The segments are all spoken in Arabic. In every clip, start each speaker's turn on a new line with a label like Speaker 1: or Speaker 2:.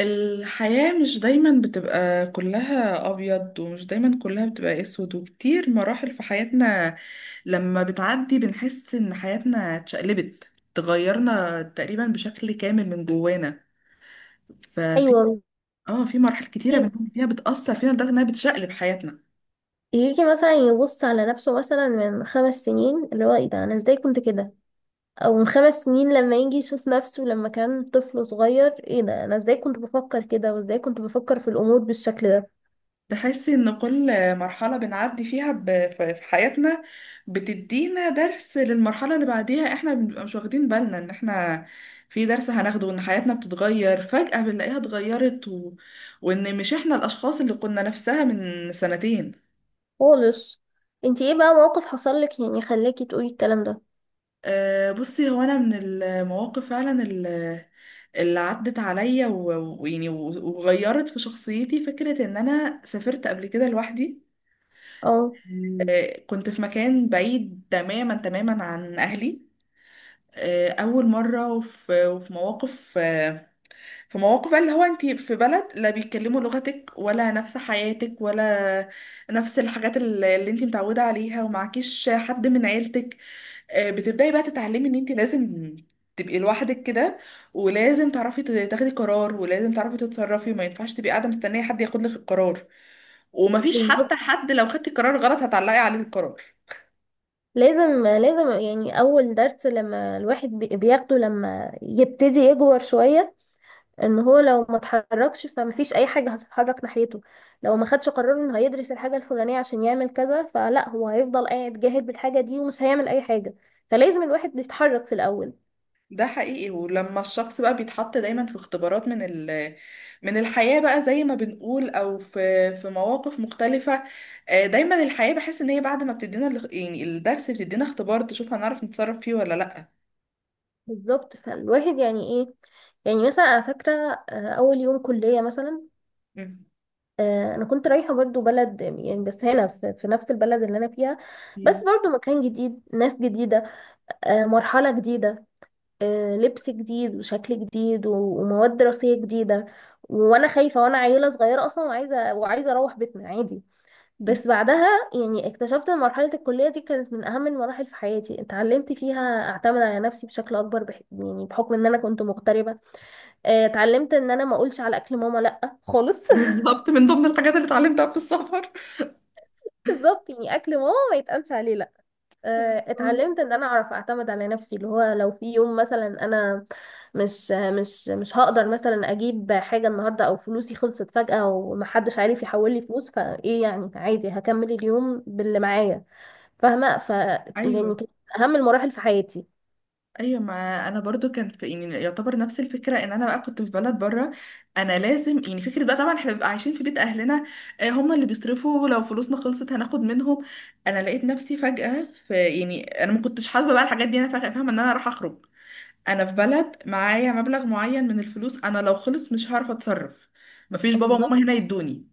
Speaker 1: الحياة مش دايما بتبقى كلها أبيض، ومش دايما كلها بتبقى أسود. وكتير مراحل في حياتنا لما بتعدي بنحس إن حياتنا اتشقلبت، تغيرنا تقريبا بشكل كامل من جوانا. ففي
Speaker 2: ايوه.
Speaker 1: اه في مراحل كتيرة
Speaker 2: يجي
Speaker 1: بنكون فيها بتأثر فينا لدرجة إنها بتشقلب حياتنا.
Speaker 2: يجي مثلا يبص على نفسه مثلا من 5 سنين، اللي هو ايه ده، انا ازاي كنت كده؟ او من 5 سنين لما يجي يشوف نفسه لما كان طفل صغير، ايه ده، انا ازاي كنت بفكر كده وازاي كنت بفكر في الامور بالشكل ده؟
Speaker 1: تحسي ان كل مرحلة بنعدي فيها في حياتنا بتدينا درس للمرحلة اللي بعديها. احنا بنبقى مش واخدين بالنا ان احنا في درس هناخده، وان حياتنا بتتغير فجأة بنلاقيها اتغيرت. وان مش احنا الاشخاص اللي كنا نفسها من سنتين.
Speaker 2: خالص. انتي ايه بقى موقف حصل لك يعني خلاكي تقولي الكلام ده؟
Speaker 1: أه، بصي. هو انا من المواقف فعلا اللي عدت عليا ويعني وغيرت في شخصيتي فكرة ان انا سافرت قبل كده لوحدي.
Speaker 2: اه،
Speaker 1: مم. كنت في مكان بعيد تماما تماما عن اهلي. اول مره، وفي مواقف، في مواقف بقى اللي هو انت في بلد لا بيتكلموا لغتك ولا نفس حياتك، ولا نفس الحاجات اللي انت متعوده عليها ومعكيش حد من عيلتك. بتبداي بقى تتعلمي ان انت لازم تبقي لوحدك كده، ولازم تعرفي تاخدي قرار، ولازم تعرفي تتصرفي، وما ينفعش تبقي قاعده مستنيه حد ياخد لك القرار، ومفيش حتى
Speaker 2: بالظبط.
Speaker 1: حد لو خدتي قرار غلط هتعلقي عليه القرار.
Speaker 2: لازم لازم يعني اول درس لما الواحد بياخده لما يبتدي يكبر شوية، ان هو لو ما اتحركش فمفيش اي حاجة هتتحرك ناحيته. لو ما خدش قرار انه هيدرس الحاجة الفلانية عشان يعمل كذا، فلا هو هيفضل قاعد جاهل بالحاجة دي ومش هيعمل اي حاجة. فلازم الواحد يتحرك في الاول.
Speaker 1: ده حقيقي. ولما الشخص بقى بيتحط دايما في اختبارات من الحياة بقى زي ما بنقول، او في مواقف مختلفة. دايما الحياة بحس ان هي بعد ما بتدينا يعني الدرس، بتدينا اختبار تشوف هنعرف نتصرف فيه ولا لأ؟
Speaker 2: بالظبط، فالواحد يعني ايه. يعني مثلا انا فاكرة اول يوم كلية مثلا.
Speaker 1: مم.
Speaker 2: انا كنت رايحة برضو بلد، يعني بس هنا في نفس البلد اللي انا فيها،
Speaker 1: مم.
Speaker 2: بس برضو مكان جديد، ناس جديدة، مرحلة جديدة، لبس جديد وشكل جديد ومواد دراسية جديدة. وانا خايفة وانا عيلة صغيرة اصلا وعايزة اروح بيتنا عادي. بس بعدها يعني اكتشفت ان مرحلة الكلية دي كانت من اهم المراحل في حياتي. اتعلمت فيها اعتمد على نفسي بشكل اكبر يعني بحكم ان انا كنت مغتربة. اتعلمت ان انا ما اقولش على اكل ماما لا خالص.
Speaker 1: بالظبط، من ضمن الحاجات اللي اتعلمتها في السفر.
Speaker 2: بالظبط. يعني اكل ماما ما يتقالش عليه لا. اتعلمت ان انا اعرف اعتمد على نفسي، اللي هو لو في يوم مثلا انا مش هقدر مثلا اجيب حاجه النهارده، او فلوسي خلصت فجاه ومحدش عارف يحول لي فلوس، فايه يعني؟ عادي هكمل اليوم باللي معايا. فاهمه،
Speaker 1: ايوه،
Speaker 2: يعني كانت اهم المراحل في حياتي.
Speaker 1: ايوه. ما انا برضو كان في، يعني يعتبر، نفس الفكره ان انا بقى كنت في بلد بره. انا لازم، يعني فكره بقى، طبعا احنا بنبقى عايشين في بيت اهلنا. هم اللي بيصرفوا، لو فلوسنا خلصت هناخد منهم. انا لقيت نفسي فجاه في، يعني انا ما كنتش حاسبه بقى الحاجات دي، انا فجاه فاهمه ان انا راح اخرج. انا في بلد، معايا مبلغ معين من الفلوس، انا لو خلص مش هعرف اتصرف. مفيش بابا وماما
Speaker 2: بالظبط.
Speaker 1: هنا يدوني.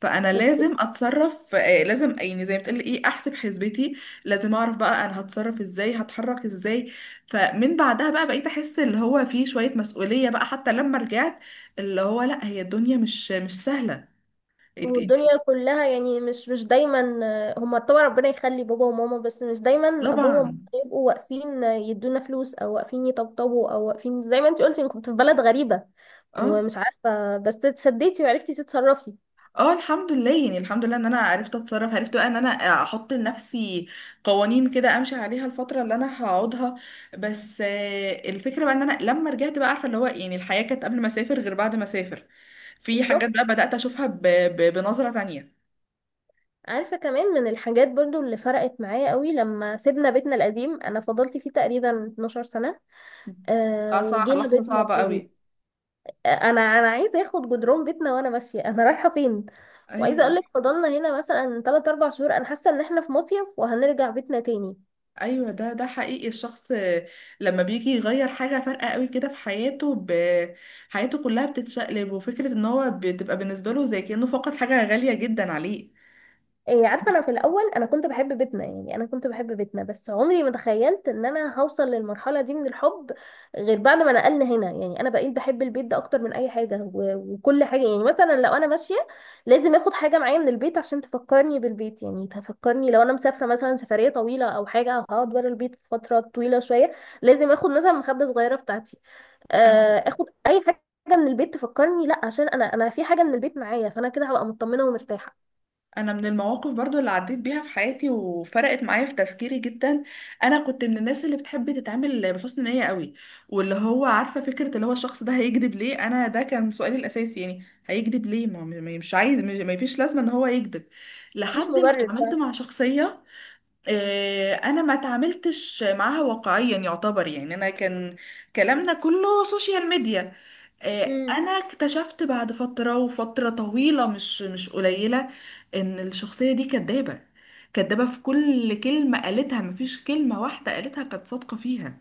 Speaker 1: فانا لازم اتصرف، لازم يعني زي ما بتقول ايه احسب حسبتي. لازم اعرف بقى انا هتصرف ازاي، هتحرك ازاي. فمن بعدها بقى بقيت احس اللي هو في شوية مسؤولية بقى، حتى لما رجعت اللي هو لا، هي الدنيا مش سهلة. انت.
Speaker 2: والدنيا كلها يعني مش دايما هما طبعا ربنا يخلي بابا وماما، بس مش دايما بابا وماما
Speaker 1: طبعا.
Speaker 2: يبقوا واقفين، يدونا فلوس، او واقفين يطبطبوا، او واقفين زي ما انت قلتي انك كنت في بلد غريبة
Speaker 1: اه،
Speaker 2: ومش عارفة، بس اتسديتي وعرفتي تتصرفي.
Speaker 1: اه. الحمد لله، يعني الحمد لله ان انا عرفت اتصرف، عرفت بقى ان انا احط لنفسي قوانين كده امشي عليها الفتره اللي انا هقعدها. بس الفكره بقى ان انا لما رجعت بقى عارفه اللي هو يعني الحياه كانت قبل ما اسافر غير بعد ما اسافر. في حاجات
Speaker 2: بالظبط.
Speaker 1: بقى بدات اشوفها بنظره تانية.
Speaker 2: عارفة كمان من الحاجات برضو اللي فرقت معايا قوي، لما سيبنا بيتنا القديم انا فضلت فيه تقريبا 12 سنة. أه،
Speaker 1: اه، صح.
Speaker 2: وجينا
Speaker 1: لحظه
Speaker 2: بيتنا
Speaker 1: صعبه
Speaker 2: الجديد.
Speaker 1: قوي.
Speaker 2: انا عايزه اخد جدران بيتنا وانا ماشيه، انا رايحه فين. وعايزه اقول
Speaker 1: ايوه،
Speaker 2: لك فضلنا هنا مثلا 3 4 شهور، انا حاسه ان احنا في مصيف وهنرجع بيتنا تاني.
Speaker 1: ايوه. ده حقيقي. الشخص لما بيجي يغير حاجه فارقه قوي كده في حياته، حياته كلها بتتشقلب، وفكره ان هو بتبقى بالنسبه له زي كانه فقد حاجه غاليه جدا عليه.
Speaker 2: إيه، عارفة، أنا في الأول أنا كنت بحب بيتنا، يعني أنا كنت بحب بيتنا، بس عمري ما تخيلت إن أنا هوصل للمرحلة دي من الحب غير بعد ما نقلنا هنا. يعني أنا بقيت بحب البيت ده أكتر من أي حاجة وكل حاجة. يعني مثلا لو أنا ماشية لازم آخد حاجة معايا من البيت عشان تفكرني بالبيت. يعني تفكرني، لو أنا مسافرة مثلا سفرية طويلة أو حاجة، أو هقعد ورا البيت فترة طويلة شوية، لازم آخد مثلا مخدة صغيرة بتاعتي،
Speaker 1: انا
Speaker 2: آخد أي حاجة من البيت تفكرني، لا عشان أنا في حاجة من البيت معايا، فأنا كده هبقى مطمنة ومرتاحة.
Speaker 1: أنا من المواقف برضو اللي عديت بيها في حياتي وفرقت معايا في تفكيري جدا. انا كنت من الناس اللي بتحب تتعامل بحسن نية قوي. واللي هو عارفة فكرة اللي هو الشخص ده هيكذب ليه؟ انا ده كان سؤالي الاساسي، يعني هيكذب ليه؟ مش عايز ما فيش لازمة ان هو يكذب.
Speaker 2: مفيش
Speaker 1: لحد ما
Speaker 2: مبرر.
Speaker 1: اتعاملت مع شخصية. انا ما تعاملتش معاها واقعيا يعتبر، يعني انا كان كلامنا كله سوشيال ميديا.
Speaker 2: امم
Speaker 1: انا اكتشفت بعد فترة، وفترة طويلة، مش قليلة، ان الشخصية دي كدابة. كدابة في كل كلمة قالتها، مفيش كلمة واحدة قالتها كانت صادقة فيها.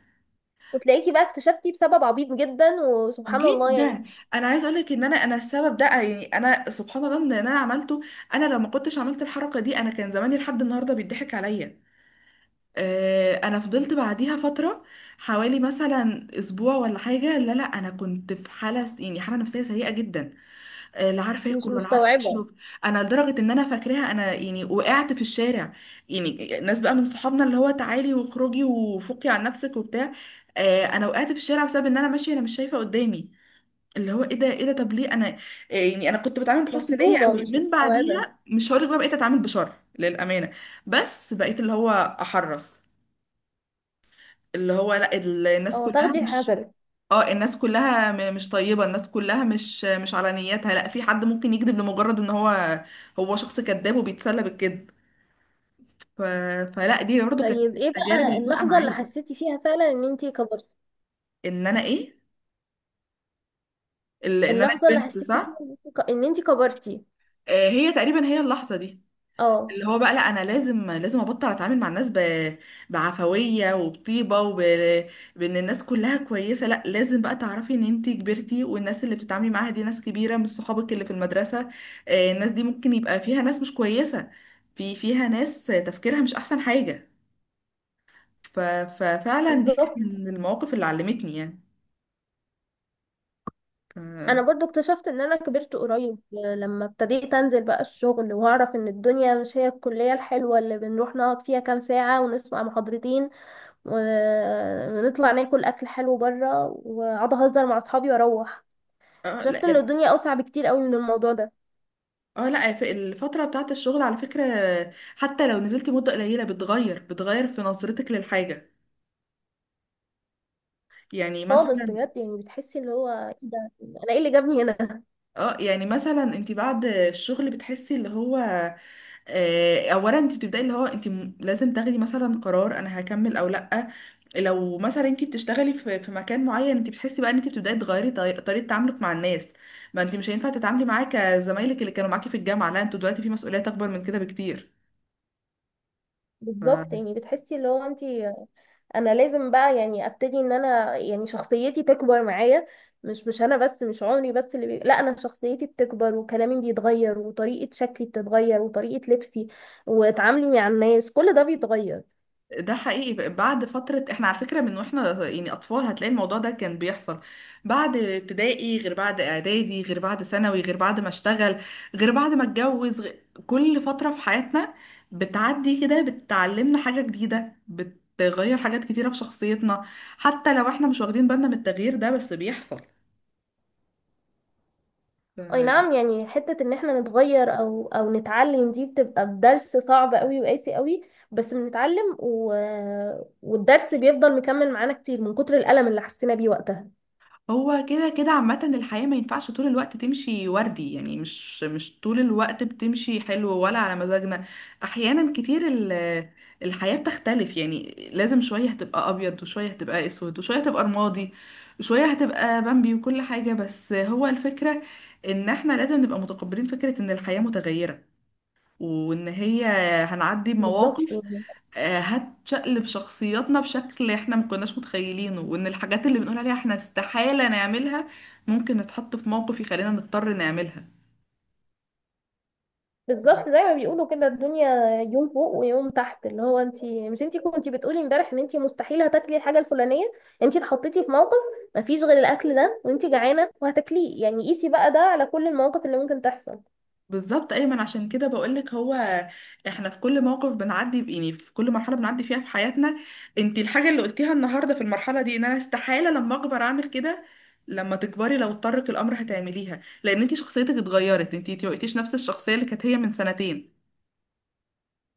Speaker 2: وتلاقيكي بقى اكتشفتي بسبب عبيط جدا، وسبحان الله يعني.
Speaker 1: جدا. انا عايز اقولك ان انا السبب ده، يعني انا سبحان الله ان انا عملته. انا لو ما كنتش عملت الحركة دي، انا كان زماني لحد النهاردة بيضحك عليا. انا فضلت بعديها فتره حوالي مثلا اسبوع ولا حاجه. لا لا، انا كنت في حاله يعني حاله نفسيه سيئه جدا. لا عارفه
Speaker 2: مش
Speaker 1: اكل ولا عارفه
Speaker 2: مستوعبة.
Speaker 1: اشرب. انا لدرجه ان انا فاكراها، انا يعني وقعت في الشارع. يعني ناس بقى من صحابنا اللي هو تعالي واخرجي وفوقي عن نفسك وبتاع. انا وقعت في الشارع بسبب ان انا ماشيه انا مش شايفه قدامي. اللي هو ايه ده، ايه ده، طب ليه انا؟ يعني انا كنت بتعامل بحسن نيه
Speaker 2: مصدومة،
Speaker 1: قوي،
Speaker 2: مش
Speaker 1: من
Speaker 2: مستوعبة.
Speaker 1: بعديها مش هقولك بقى بقيت اتعامل بشر للامانه. بس بقيت اللي هو احرص. اللي هو لا، الناس
Speaker 2: اه،
Speaker 1: كلها
Speaker 2: تاخدي
Speaker 1: مش،
Speaker 2: حذرك.
Speaker 1: اه الناس كلها مش طيبة، الناس كلها مش على نيتها. لا، في حد ممكن يكذب لمجرد ان هو شخص كذاب وبيتسلى بالكذب. ف... فلا، دي برضه كانت
Speaker 2: طيب، ايه
Speaker 1: التجارب
Speaker 2: بقى
Speaker 1: اللي فارقة
Speaker 2: اللحظة اللي
Speaker 1: معايا.
Speaker 2: حسيتي فيها فعلا ان انتي كبرتي؟
Speaker 1: ان انا ايه؟ ان انا
Speaker 2: اللحظة اللي
Speaker 1: كبرت،
Speaker 2: حسيتي فيها
Speaker 1: صح.
Speaker 2: إن إنتي كبرتي؟
Speaker 1: هي تقريبا هي اللحظة دي.
Speaker 2: اه،
Speaker 1: اللي هو بقى، لا انا لازم لازم ابطل اتعامل مع الناس بعفويه وبطيبه بان الناس كلها كويسه. لا، لازم بقى تعرفي ان انتي كبرتي، والناس اللي بتتعاملي معاها دي ناس كبيره مش صحابك اللي في المدرسه. الناس دي ممكن يبقى فيها ناس مش كويسه، فيها ناس تفكيرها مش احسن حاجه. ففعلا دي كانت
Speaker 2: بالظبط.
Speaker 1: من المواقف اللي علمتني يعني.
Speaker 2: انا
Speaker 1: ف-
Speaker 2: برضو اكتشفت ان انا كبرت قريب لما ابتديت انزل بقى الشغل، واعرف ان الدنيا مش هي الكلية الحلوة اللي بنروح نقعد فيها كام ساعة ونسمع محاضرتين، ونطلع ناكل اكل حلو بره، واقعد اهزر مع اصحابي واروح.
Speaker 1: اه لا،
Speaker 2: اكتشفت ان الدنيا اوسع بكتير قوي من الموضوع ده.
Speaker 1: اه لا. في الفترة بتاعت الشغل على فكرة، حتى لو نزلتي مدة قليلة بتغير في نظرتك للحاجة. يعني
Speaker 2: خالص،
Speaker 1: مثلا،
Speaker 2: بجد. يعني بتحسي اللي هو إيه ده، انا ايه اللي جابني هنا.
Speaker 1: انت بعد الشغل بتحسي اللي هو اولا انت بتبداي اللي هو انت لازم تاخدي مثلا قرار انا هكمل او لا. لو مثلا انت بتشتغلي في مكان معين، انت بتحسي بقى ان انت بتبداي تغيري طريقه تعاملك مع الناس. ما انت مش هينفع تتعاملي معاك زمايلك اللي كانوا معاكي في الجامعه. لا، انتوا دلوقتي في مسؤوليات اكبر من كده بكتير.
Speaker 2: بالظبط. يعني بتحسي اللي هو انت، انا لازم بقى يعني ابتدي ان انا يعني شخصيتي تكبر معايا. مش انا بس، مش عمري بس اللي لا انا شخصيتي بتكبر، وكلامي بيتغير، وطريقة شكلي بتتغير، وطريقة لبسي وتعاملي مع الناس، كل ده بيتغير.
Speaker 1: ده حقيقي. بعد فترة، احنا على فكرة من واحنا يعني أطفال، هتلاقي الموضوع ده كان بيحصل. بعد ابتدائي غير، بعد إعدادي غير، بعد ثانوي غير، بعد ما اشتغل غير، بعد ما اتجوز كل فترة في حياتنا بتعدي كده بتعلمنا حاجة جديدة، بتغير حاجات كتيرة في شخصيتنا. حتى لو احنا مش واخدين بالنا من التغيير ده، بس بيحصل.
Speaker 2: اي نعم. يعني حتة ان احنا نتغير او نتعلم دي بتبقى بدرس صعب قوي وقاسي قوي. بس بنتعلم والدرس بيفضل مكمل معانا كتير من كتر الألم اللي حسينا بيه وقتها.
Speaker 1: هو كده كده عامة الحياة ما ينفعش طول الوقت تمشي وردي، يعني مش طول الوقت بتمشي حلو ولا على مزاجنا. أحيانا كتير الحياة بتختلف. يعني لازم، شوية هتبقى أبيض، وشوية هتبقى أسود، وشوية هتبقى رمادي، وشوية هتبقى بامبي وكل حاجة. بس هو الفكرة إن احنا لازم نبقى متقبلين فكرة إن الحياة متغيرة، وإن هي هنعدي
Speaker 2: بالظبط
Speaker 1: بمواقف
Speaker 2: يعني
Speaker 1: هتشقلب شخصياتنا بشكل احنا ما كناش متخيلينه، وان الحاجات اللي بنقول عليها احنا استحالة نعملها، ممكن نتحط في موقف يخلينا نضطر نعملها.
Speaker 2: بالظبط، زي ما بيقولوا كده الدنيا يوم فوق ويوم تحت. اللي هو انت، مش انت كنتي بتقولي امبارح ان انت مستحيل هتاكلي الحاجة الفلانية، انت اتحطيتي في موقف مفيش غير الاكل ده وانت جعانة وهتاكليه. يعني قيسي بقى ده على كل المواقف اللي ممكن تحصل.
Speaker 1: بالظبط ايمن، عشان كده بقولك هو احنا في كل موقف بنعدي يعني في كل مرحله بنعدي فيها في حياتنا. انت الحاجه اللي قلتيها النهارده في المرحله دي ان انا استحاله لما اكبر اعمل كده، لما تكبري لو اضطرك الامر هتعمليها، لان انت شخصيتك اتغيرت، انت ما بقيتيش نفس الشخصيه اللي كانت هي من سنتين.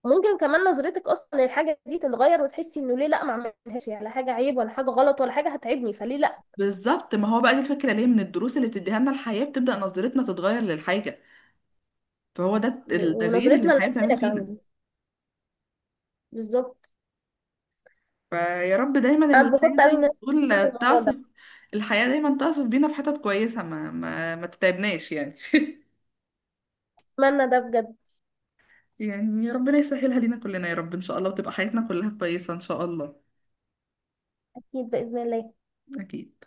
Speaker 2: ممكن كمان نظرتك اصلا للحاجه دي تتغير، وتحسي انه ليه لا ما اعملهاش، يعني لا حاجه عيب ولا حاجه غلط ولا حاجه هتعبني، فليه لا؟
Speaker 1: بالظبط، ما هو بقى دي الفكرة، ليه من الدروس اللي بتديها لنا الحياة بتبدأ نظرتنا تتغير للحاجة. فهو ده التغيير اللي
Speaker 2: ونظرتنا
Speaker 1: الحياة بتعمله
Speaker 2: لنفسنا
Speaker 1: فينا.
Speaker 2: كمان. بالظبط.
Speaker 1: فيا رب دايما
Speaker 2: انا
Speaker 1: الحياة
Speaker 2: اتبسطت
Speaker 1: زي
Speaker 2: قوي
Speaker 1: ما
Speaker 2: ان انا
Speaker 1: بتقول
Speaker 2: اتكلمنا في الموضوع
Speaker 1: تعصف،
Speaker 2: ده.
Speaker 1: الحياة دايما تعصف بينا في حتت كويسة، ما تتعبناش يعني.
Speaker 2: اتمنى ده بجد.
Speaker 1: يعني يا ربنا يسهلها لينا كلنا يا رب، إن شاء الله، وتبقى حياتنا كلها كويسة إن شاء الله.
Speaker 2: اكيد باذن الله.
Speaker 1: أكيد.